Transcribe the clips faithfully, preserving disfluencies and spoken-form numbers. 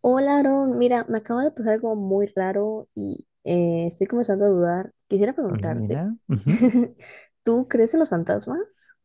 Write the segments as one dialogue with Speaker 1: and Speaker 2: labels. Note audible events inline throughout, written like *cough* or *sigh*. Speaker 1: Hola, Aaron. Mira, me acaba de pasar algo muy raro y eh, estoy comenzando a dudar. Quisiera
Speaker 2: Hola,
Speaker 1: preguntarte,
Speaker 2: Nina, Ujú.
Speaker 1: *laughs* ¿tú crees en los fantasmas?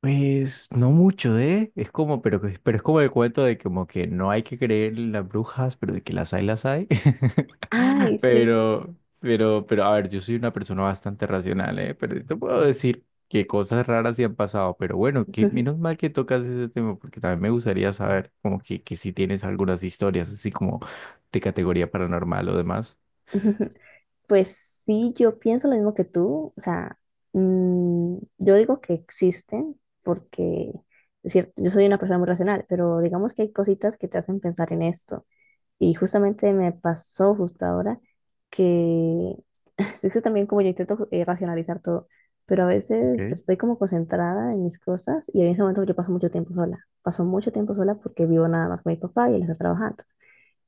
Speaker 2: Pues no mucho, ¿eh? Es como, pero, que- pero es como el cuento de como que no hay que creer en las brujas, pero de que las hay, las hay. *laughs*
Speaker 1: Ay, sí.
Speaker 2: Pero, pero, pero, a ver, yo soy una persona bastante racional, ¿eh? Pero te puedo decir que cosas raras sí han pasado, pero bueno, que menos
Speaker 1: *laughs*
Speaker 2: mal que tocas ese tema, porque también me gustaría saber como que, que si tienes algunas historias así como de categoría paranormal o demás.
Speaker 1: Pues sí, yo pienso lo mismo que tú. O sea, mm, yo digo que existen porque, es cierto, yo soy una persona muy racional, pero digamos que hay cositas que te hacen pensar en esto. Y justamente me pasó justo ahora que *laughs* sí, que también como yo intento eh, racionalizar todo, pero a veces
Speaker 2: Okay.
Speaker 1: estoy como concentrada en mis cosas y en ese momento yo paso mucho tiempo sola. Paso mucho tiempo sola porque vivo nada más con mi papá y él está trabajando.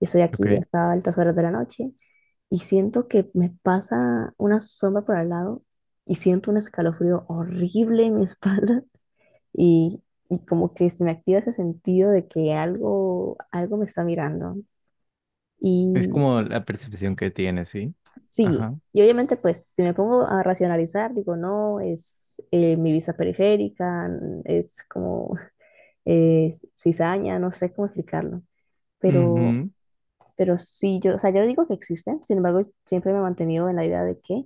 Speaker 1: Y estoy aquí
Speaker 2: Okay.
Speaker 1: hasta altas horas de la noche y siento que me pasa una sombra por al lado y siento un escalofrío horrible en mi *laughs* espalda y, y como que se me activa ese sentido de que algo, algo me está mirando.
Speaker 2: Es
Speaker 1: Y
Speaker 2: como la percepción que tienes, ¿sí?
Speaker 1: Sí,
Speaker 2: Ajá.
Speaker 1: y obviamente pues si me pongo a racionalizar, digo, no, es eh, mi vista periférica, n- es como *laughs* eh, cizaña, no sé cómo explicarlo, pero, pero sí, yo, o sea, yo no digo que existen, sin embargo, siempre me he mantenido en la idea de que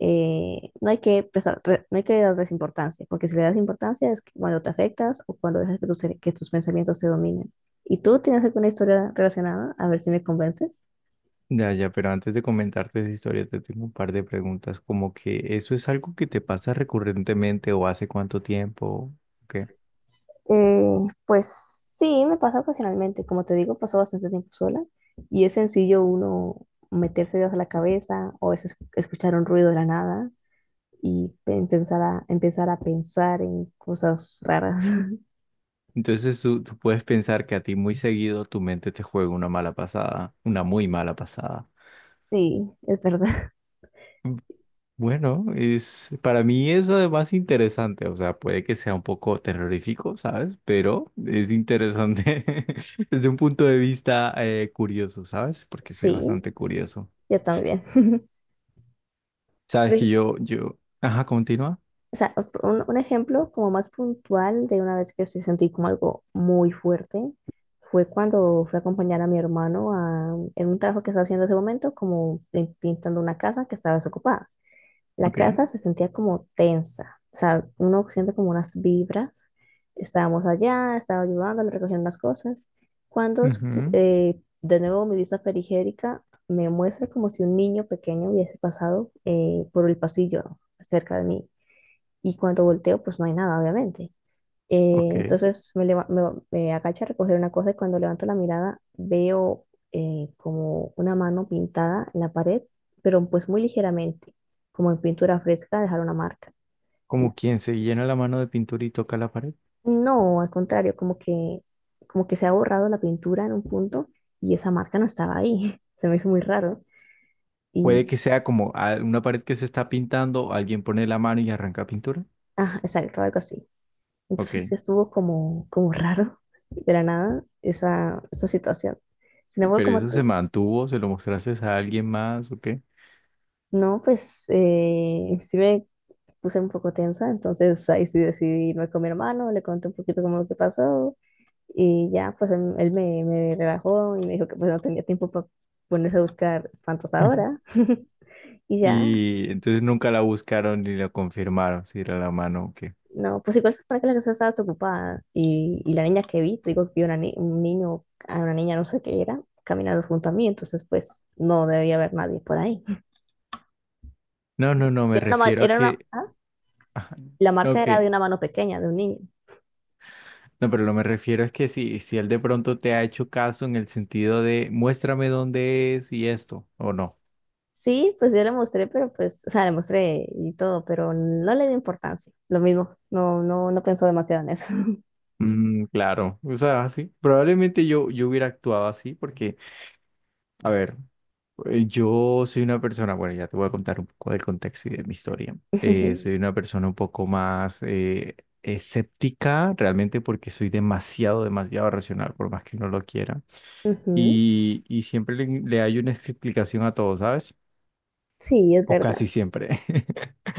Speaker 1: eh, no hay que prestar, re- no hay que darles importancia, porque si le das importancia es cuando te afectas o cuando dejas que tus, que tus pensamientos te dominen. ¿Y tú tienes alguna historia relacionada? A ver si me convences.
Speaker 2: Ya, ya, pero antes de comentarte esa historia, te tengo un par de preguntas, como que eso es algo que te pasa recurrentemente o hace cuánto tiempo, ¿qué?
Speaker 1: Eh, pues sí, me pasa ocasionalmente. Como te digo, paso bastante tiempo sola y es sencillo uno meterse ideas a la cabeza o a veces escuchar un ruido de la nada y empezar a, empezar a pensar en cosas raras. *laughs*
Speaker 2: Entonces tú, tú puedes pensar que a ti muy seguido tu mente te juega una mala pasada, una muy mala pasada.
Speaker 1: Sí, es verdad.
Speaker 2: Mm, bueno, es, para mí es además interesante, o sea, puede que sea un poco terrorífico, ¿sabes? Pero es interesante *laughs* desde un punto de vista eh, curioso, ¿sabes? Porque soy
Speaker 1: Sí,
Speaker 2: bastante curioso.
Speaker 1: yo también. *laughs* Por
Speaker 2: Sabes que
Speaker 1: ej-
Speaker 2: yo, yo, ajá, continúa.
Speaker 1: O sea, un, un ejemplo como más puntual de una vez que se sentí como algo muy fuerte fue cuando fui a acompañar a mi hermano a- en un trabajo que estaba haciendo en ese momento, como pin- pintando una casa que estaba desocupada. La
Speaker 2: Ok.
Speaker 1: casa se sentía como tensa, o sea, uno siente como unas vibras. Estábamos allá, estaba ayudando, le recogían unas cosas. Cuando escu-
Speaker 2: Ujú.
Speaker 1: eh, de nuevo mi vista periférica me muestra como si un niño pequeño hubiese pasado eh, por el pasillo cerca de mí y cuando volteo, pues no hay nada, obviamente. Eh,
Speaker 2: Ok.
Speaker 1: entonces me, leva- me, me agacho a recoger una cosa y cuando levanto la mirada veo eh, como una mano pintada en la pared, pero pues muy ligeramente, como en pintura fresca, dejar una marca.
Speaker 2: Como quien se llena la mano de pintura y toca la pared.
Speaker 1: Y no, al contrario, como que, como que se ha borrado la pintura en un punto y esa marca no estaba ahí. *laughs* Se me hizo muy raro.
Speaker 2: Puede
Speaker 1: Y,
Speaker 2: que sea como a- una pared que se está pintando, alguien pone la mano y arranca pintura.
Speaker 1: ah, exacto, algo así. Entonces
Speaker 2: Ok.
Speaker 1: sí estuvo como, como raro de la nada esa, esa situación. Sin embargo,
Speaker 2: Pero
Speaker 1: como
Speaker 2: eso se
Speaker 1: te,
Speaker 2: mantuvo. ¿Se lo mostraste a alguien más, o qué?
Speaker 1: no, pues eh, sí me puse un poco tensa, entonces ahí sí decidí irme con mi hermano, le conté un poquito como lo que pasó y ya, pues él, él me, me relajó y me dijo que pues no tenía tiempo para ponerse a buscar espantos
Speaker 2: *laughs*
Speaker 1: ahora. *laughs* Y ya,
Speaker 2: Y entonces nunca la buscaron ni la confirmaron si era la mano o qué.
Speaker 1: no, pues igual para que la casa estaba desocupada. Y, y la niña que vi, te digo que vi una ni- un niño, a una niña no sé qué era, caminando junto a mí, entonces pues no debía haber nadie por ahí.
Speaker 2: No, no, no, me
Speaker 1: Era una, ma-
Speaker 2: refiero a
Speaker 1: era una,
Speaker 2: que...
Speaker 1: ah,
Speaker 2: Ajá.
Speaker 1: la marca
Speaker 2: Ok,
Speaker 1: era de una mano pequeña, de un niño.
Speaker 2: no, pero lo me refiero es que si, si él de pronto te ha hecho caso en el sentido de muéstrame dónde es y esto, o no.
Speaker 1: Sí, pues yo le mostré, pero pues, o sea, le mostré y todo, pero no le di importancia. Lo mismo, no, no, no pensó demasiado en eso. *laughs*
Speaker 2: Mm, claro, o sea, sí, probablemente yo, yo hubiera actuado así porque, a ver, eh, yo soy una persona, bueno, ya te voy a contar un poco del contexto y de mi historia.
Speaker 1: Sí,
Speaker 2: Eh,
Speaker 1: sí.
Speaker 2: soy una persona un poco más eh, escéptica realmente porque soy demasiado, demasiado racional, por más que no lo quiera.
Speaker 1: Ujú.
Speaker 2: Y, y siempre le, le hay una explicación a todo, ¿sabes?
Speaker 1: Sí, es
Speaker 2: O casi
Speaker 1: verdad.
Speaker 2: siempre.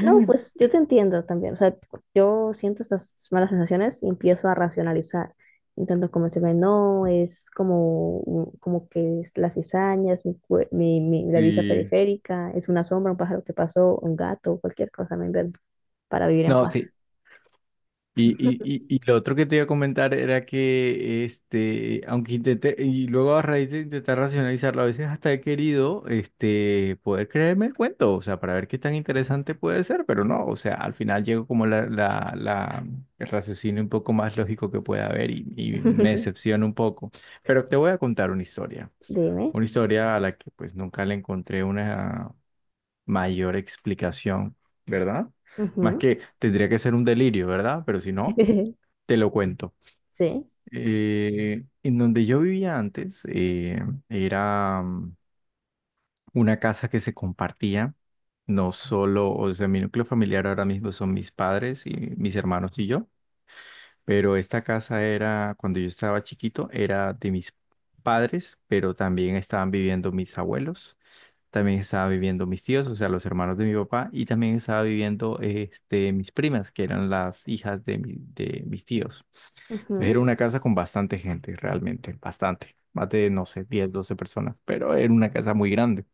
Speaker 1: No, pues yo te entiendo también. O sea, yo siento estas malas sensaciones y empiezo a racionalizar. Intento convencerme, no, es como, un- como que es las cizañas, mi, cue- mi, mi- la vista
Speaker 2: Sí.
Speaker 1: periférica, es una sombra, un pájaro que pasó, un gato, cualquier cosa me invento para vivir en
Speaker 2: No,
Speaker 1: paz.
Speaker 2: sí. Y, y, y, y lo otro que te iba a comentar era que, este, aunque intenté, y luego a raíz de intentar racionalizarlo, a veces hasta he querido, este, poder creerme el cuento, o sea, para ver qué tan interesante puede ser, pero no, o sea, al final llego como la, la, la, el raciocinio un poco más lógico que pueda haber y, y me decepciona un poco. Pero te voy a contar una historia,
Speaker 1: *laughs* Dime.
Speaker 2: una historia a la que pues nunca le encontré una mayor explicación, ¿verdad? Más
Speaker 1: Ujú.
Speaker 2: que tendría que ser un delirio, ¿verdad? Pero si no...
Speaker 1: *laughs*
Speaker 2: Te lo cuento.
Speaker 1: Sí.
Speaker 2: Eh, en donde yo vivía antes, eh, era mm, una casa que se compartía, no solo, o sea, mi núcleo familiar ahora mismo son mis padres y mis hermanos y yo, pero esta casa era, cuando yo estaba chiquito, era de mis padres, pero también estaban viviendo mis abuelos, también estaban viviendo mis tíos, o sea, los hermanos de mi papá, y también estaba viviendo este, mis primas, que eran las hijas de, mi- de mis tíos. Era
Speaker 1: Ujú.
Speaker 2: una casa con bastante gente, realmente, bastante, más de, no sé, diez, doce personas, pero era una casa muy grande.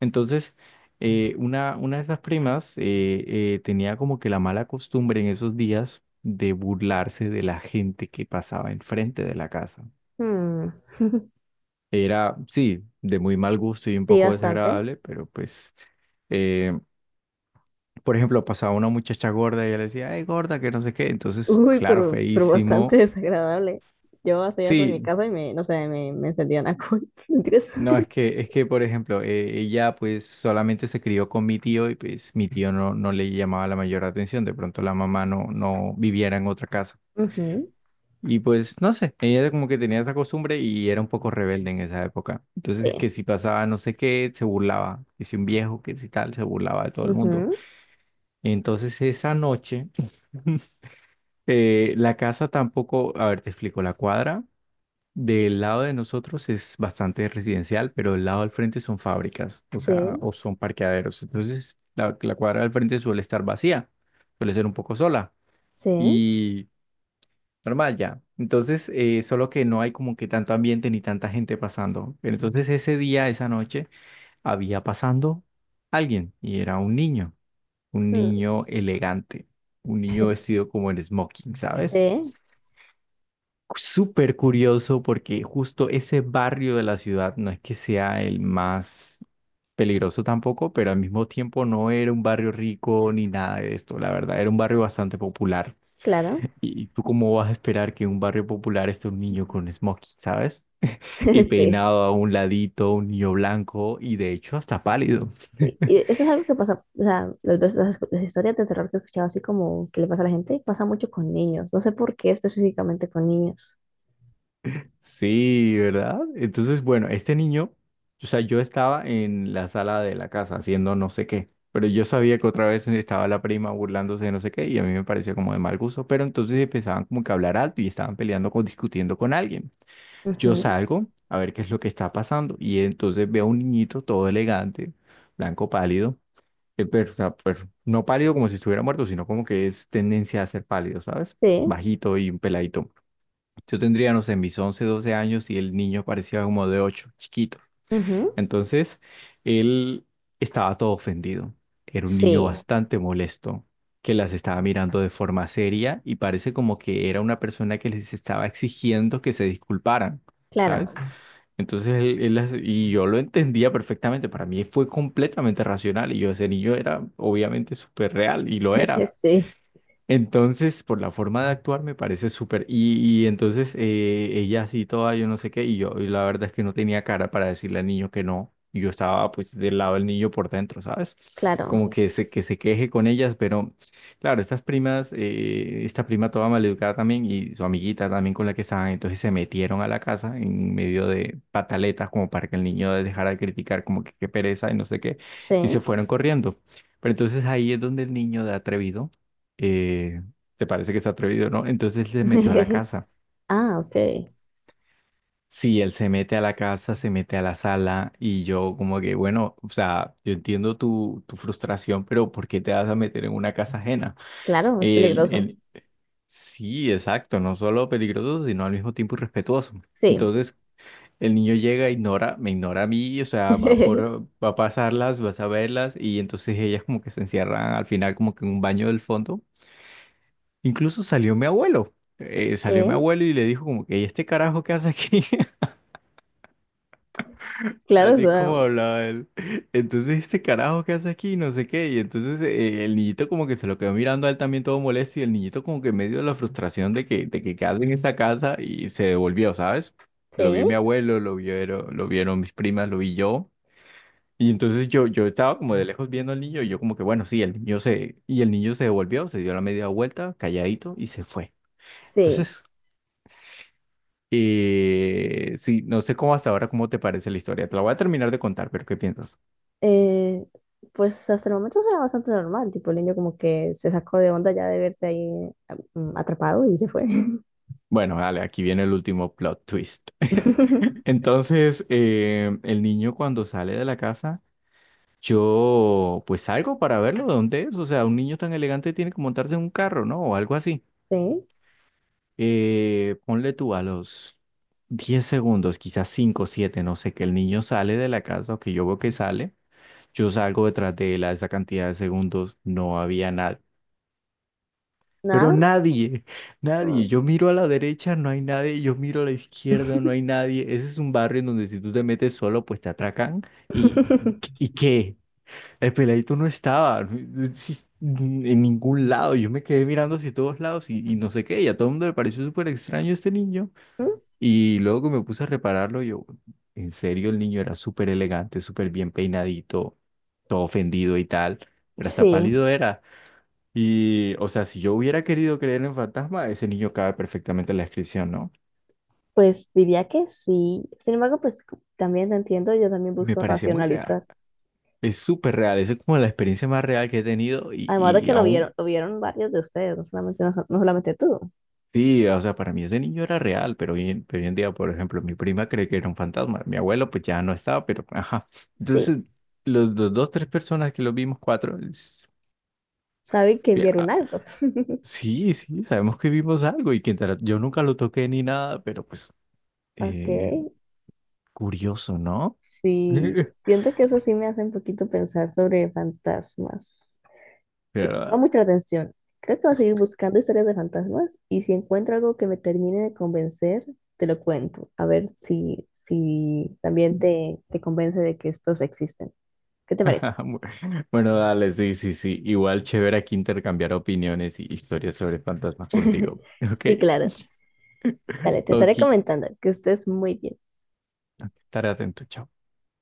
Speaker 2: Entonces, eh, una, una de esas primas eh, eh, tenía como que la mala costumbre en esos días de burlarse de la gente que pasaba enfrente de la casa.
Speaker 1: Mm. *laughs*
Speaker 2: Era, sí, de muy mal gusto y un
Speaker 1: Sí,
Speaker 2: poco
Speaker 1: bastante.
Speaker 2: desagradable, pero pues, eh, por ejemplo, pasaba una muchacha gorda y ella le decía, ay, gorda, que no sé qué. Entonces,
Speaker 1: Uy,
Speaker 2: claro,
Speaker 1: pero, pero bastante *laughs*
Speaker 2: feísimo.
Speaker 1: desagradable. Yo hacía eso en mi
Speaker 2: Sí.
Speaker 1: casa y me, no sé, me, me encendían a cool. *laughs* Mentiras.
Speaker 2: No, es que, es que, por ejemplo, eh, ella pues solamente se crió con mi tío y pues mi tío no, no le llamaba la mayor atención, de pronto la mamá no, no viviera en otra casa.
Speaker 1: Ujú.
Speaker 2: Y pues, no sé, ella como que tenía esa costumbre y era un poco rebelde en esa época. Entonces,
Speaker 1: Sí,
Speaker 2: que si pasaba no sé qué, se burlaba, que si un viejo, que si tal, se burlaba de todo el mundo.
Speaker 1: ujú,
Speaker 2: Entonces, esa noche, *laughs* eh, la casa tampoco, a ver, te explico, la cuadra. Del lado de nosotros es bastante residencial, pero del lado al frente son fábricas, o sea,
Speaker 1: sí,
Speaker 2: o son parqueaderos. Entonces, la, la cuadra del frente suele estar vacía, suele ser un poco sola
Speaker 1: sí,
Speaker 2: y normal ya. Entonces, eh, solo que no hay como que tanto ambiente ni tanta gente pasando. Pero entonces ese día, esa noche, había pasando alguien y era un niño, un
Speaker 1: mm,
Speaker 2: niño elegante, un niño vestido como en smoking, ¿sabes?
Speaker 1: sí,
Speaker 2: Súper curioso porque justo ese barrio de la ciudad no es que sea el más peligroso tampoco, pero al mismo tiempo no era un barrio rico ni nada de esto, la verdad, era un barrio bastante popular.
Speaker 1: claro.
Speaker 2: ¿Y tú cómo vas a esperar que en un barrio popular esté un niño con smoking? ¿Sabes? Y
Speaker 1: *laughs* Sí,
Speaker 2: peinado a un ladito, un niño blanco y de hecho hasta pálido.
Speaker 1: sí. Y eso es algo que pasa, o sea, las veces las, las historias de terror que he escuchado así como que le pasa a la gente, pasa mucho con niños. No sé por qué específicamente con niños.
Speaker 2: Sí, ¿verdad? Entonces, bueno, este niño, o sea, yo estaba en la sala de la casa haciendo no sé qué, pero yo sabía que otra vez estaba la prima burlándose de no sé qué y a mí me parecía como de mal gusto, pero entonces empezaban como que a hablar alto y estaban peleando o discutiendo con alguien. Yo
Speaker 1: Ujú.
Speaker 2: salgo a ver qué es lo que está pasando y entonces veo a un niñito todo elegante, blanco pálido, eh, pero, o sea, pues, no pálido como si estuviera muerto, sino como que es tendencia a ser pálido, ¿sabes?
Speaker 1: Sí,
Speaker 2: Bajito y un peladito. Yo tendría, no sé, mis once doce años y el niño parecía como de ocho chiquito.
Speaker 1: ujú,
Speaker 2: Entonces, él estaba todo ofendido. Era un niño
Speaker 1: sí,
Speaker 2: bastante molesto, que las estaba mirando de forma seria y parece como que era una persona que les estaba exigiendo que se disculparan, ¿sabes?
Speaker 1: claro.
Speaker 2: Entonces, él, él las- y yo lo entendía perfectamente. Para mí fue completamente racional y yo, ese niño era obviamente súper real y lo
Speaker 1: *laughs*
Speaker 2: era.
Speaker 1: Sí,
Speaker 2: Entonces, por la forma de actuar me parece súper. Y, y entonces eh, ella así toda, yo no sé qué, y yo y la verdad es que no tenía cara para decirle al niño que no. Y yo estaba pues del lado del niño por dentro, ¿sabes?
Speaker 1: claro.
Speaker 2: Como que se, que se queje con ellas, pero claro, estas primas, eh, esta prima toda maleducada también y su amiguita también con la que estaban, entonces se metieron a la casa en medio de pataletas como para que el niño dejara de criticar como que qué pereza y no sé qué,
Speaker 1: Sí.
Speaker 2: y se fueron corriendo. Pero entonces ahí es donde el niño de atrevido eh, te parece que es atrevido, ¿no? Entonces él se metió a la
Speaker 1: *laughs*
Speaker 2: casa.
Speaker 1: Ah, ok.
Speaker 2: Sí, él se mete a la casa, se mete a la sala y yo como que, bueno, o sea, yo entiendo tu, tu frustración, pero ¿por qué te vas a meter en una casa ajena?
Speaker 1: Claro, es
Speaker 2: El,
Speaker 1: peligroso.
Speaker 2: el, sí, exacto, no solo peligroso, sino al mismo tiempo irrespetuoso.
Speaker 1: Sí.
Speaker 2: Entonces el niño llega, ignora, me ignora a mí, o sea,
Speaker 1: *laughs*
Speaker 2: va por, va a pasarlas, vas a verlas y entonces ellas como que se encierran al final como que en un baño del fondo. Incluso salió mi abuelo. Eh,
Speaker 1: Sí,
Speaker 2: salió mi abuelo y le dijo como que, ¿y este carajo qué hace aquí? *laughs*
Speaker 1: claro, o
Speaker 2: Así
Speaker 1: sea,
Speaker 2: como hablaba él. Entonces, ¿este carajo qué hace aquí? No sé qué. Y entonces eh, el niñito como que se lo quedó mirando a él también todo molesto y el niñito como que en medio de la frustración de que, de que, qué hace en esa casa y se devolvió, ¿sabes? Lo vio mi
Speaker 1: sí,
Speaker 2: abuelo, lo vieron, lo vieron mis primas, lo vi yo. Y entonces yo, yo estaba como de lejos viendo al niño y yo como que, bueno, sí, el niño se, y el niño se devolvió, se dio la media vuelta, calladito y se fue.
Speaker 1: sí.
Speaker 2: Entonces, Eh, sí, no sé cómo hasta ahora, cómo te parece la historia. Te la voy a terminar de contar, pero ¿qué piensas?
Speaker 1: Eh, pues hasta el momento era bastante normal, tipo el niño como que se sacó de onda ya de verse ahí ah, mm, atrapado y se fue.
Speaker 2: Bueno, dale, aquí viene el último plot twist. *laughs*
Speaker 1: *laughs*
Speaker 2: Entonces, eh, el niño cuando sale de la casa, yo pues salgo para verlo, ¿de dónde es? O sea, un niño tan elegante tiene que montarse en un carro, ¿no? O algo así.
Speaker 1: Sí,
Speaker 2: Eh, ponle tú a los diez segundos, quizás cinco, siete, no sé, que el niño sale de la casa o que yo veo que sale. Yo salgo detrás de él a esa cantidad de segundos, no había nada. Pero
Speaker 1: nada.
Speaker 2: nadie, nadie.
Speaker 1: Mm.
Speaker 2: Yo miro a la derecha, no hay nadie. Yo miro a la izquierda, no hay nadie. Ese es un barrio en donde si tú te metes solo, pues te atracan. ¿Y,
Speaker 1: *laughs*
Speaker 2: y qué? El peladito no estaba si- en ningún lado. Yo me quedé mirando hacia todos lados y, y no sé qué. Y a todo el mundo le pareció súper extraño este niño. Y luego que me puse a repararlo, yo, en serio, el niño era súper elegante, súper bien peinadito, todo ofendido y tal. Pero hasta
Speaker 1: Sí,
Speaker 2: pálido era. Y, o sea, si yo hubiera querido creer en fantasma, ese niño cabe perfectamente en la descripción, ¿no?
Speaker 1: pues diría que sí. Sin embargo, pues c- también te entiendo, yo también
Speaker 2: Me
Speaker 1: busco
Speaker 2: parecía muy real.
Speaker 1: racionalizar.
Speaker 2: Es súper real. Esa es como la experiencia más real que he tenido y,
Speaker 1: Además de
Speaker 2: y
Speaker 1: que lo
Speaker 2: aún,
Speaker 1: vieron, lo vieron varios de ustedes, no solamente, no so- no solamente tú.
Speaker 2: sí, o sea, para mí ese niño era real, pero hoy, en pero hoy en día, por ejemplo, mi prima cree que era un fantasma. Mi abuelo, pues ya no estaba, pero, *laughs* ajá. Entonces,
Speaker 1: Sí.
Speaker 2: los, dos, dos, tres personas que lo vimos, cuatro, es-
Speaker 1: Sabe que
Speaker 2: ya,
Speaker 1: vieron
Speaker 2: ah,
Speaker 1: algo. *laughs*
Speaker 2: sí, sí, sabemos que vimos algo y que intera- yo nunca lo toqué ni nada, pero pues,
Speaker 1: Ok,
Speaker 2: eh, curioso, ¿no?
Speaker 1: sí,
Speaker 2: *laughs*
Speaker 1: siento que eso sí me hace un poquito pensar sobre fantasmas. Y me llama
Speaker 2: Pero,
Speaker 1: mucha atención. Creo que voy a seguir buscando historias de fantasmas y si encuentro algo que me termine de convencer, te lo cuento. A ver si, si también te, te convence de que estos existen. ¿Qué te parece?
Speaker 2: *laughs* Bueno, dale, sí, sí, sí. Igual chévere aquí intercambiar opiniones y historias sobre fantasmas contigo.
Speaker 1: *laughs*
Speaker 2: *laughs* Ok,
Speaker 1: Sí, claro. Dale, te estaré
Speaker 2: ok,
Speaker 1: comentando que estés muy bien.
Speaker 2: estaré atento, chao.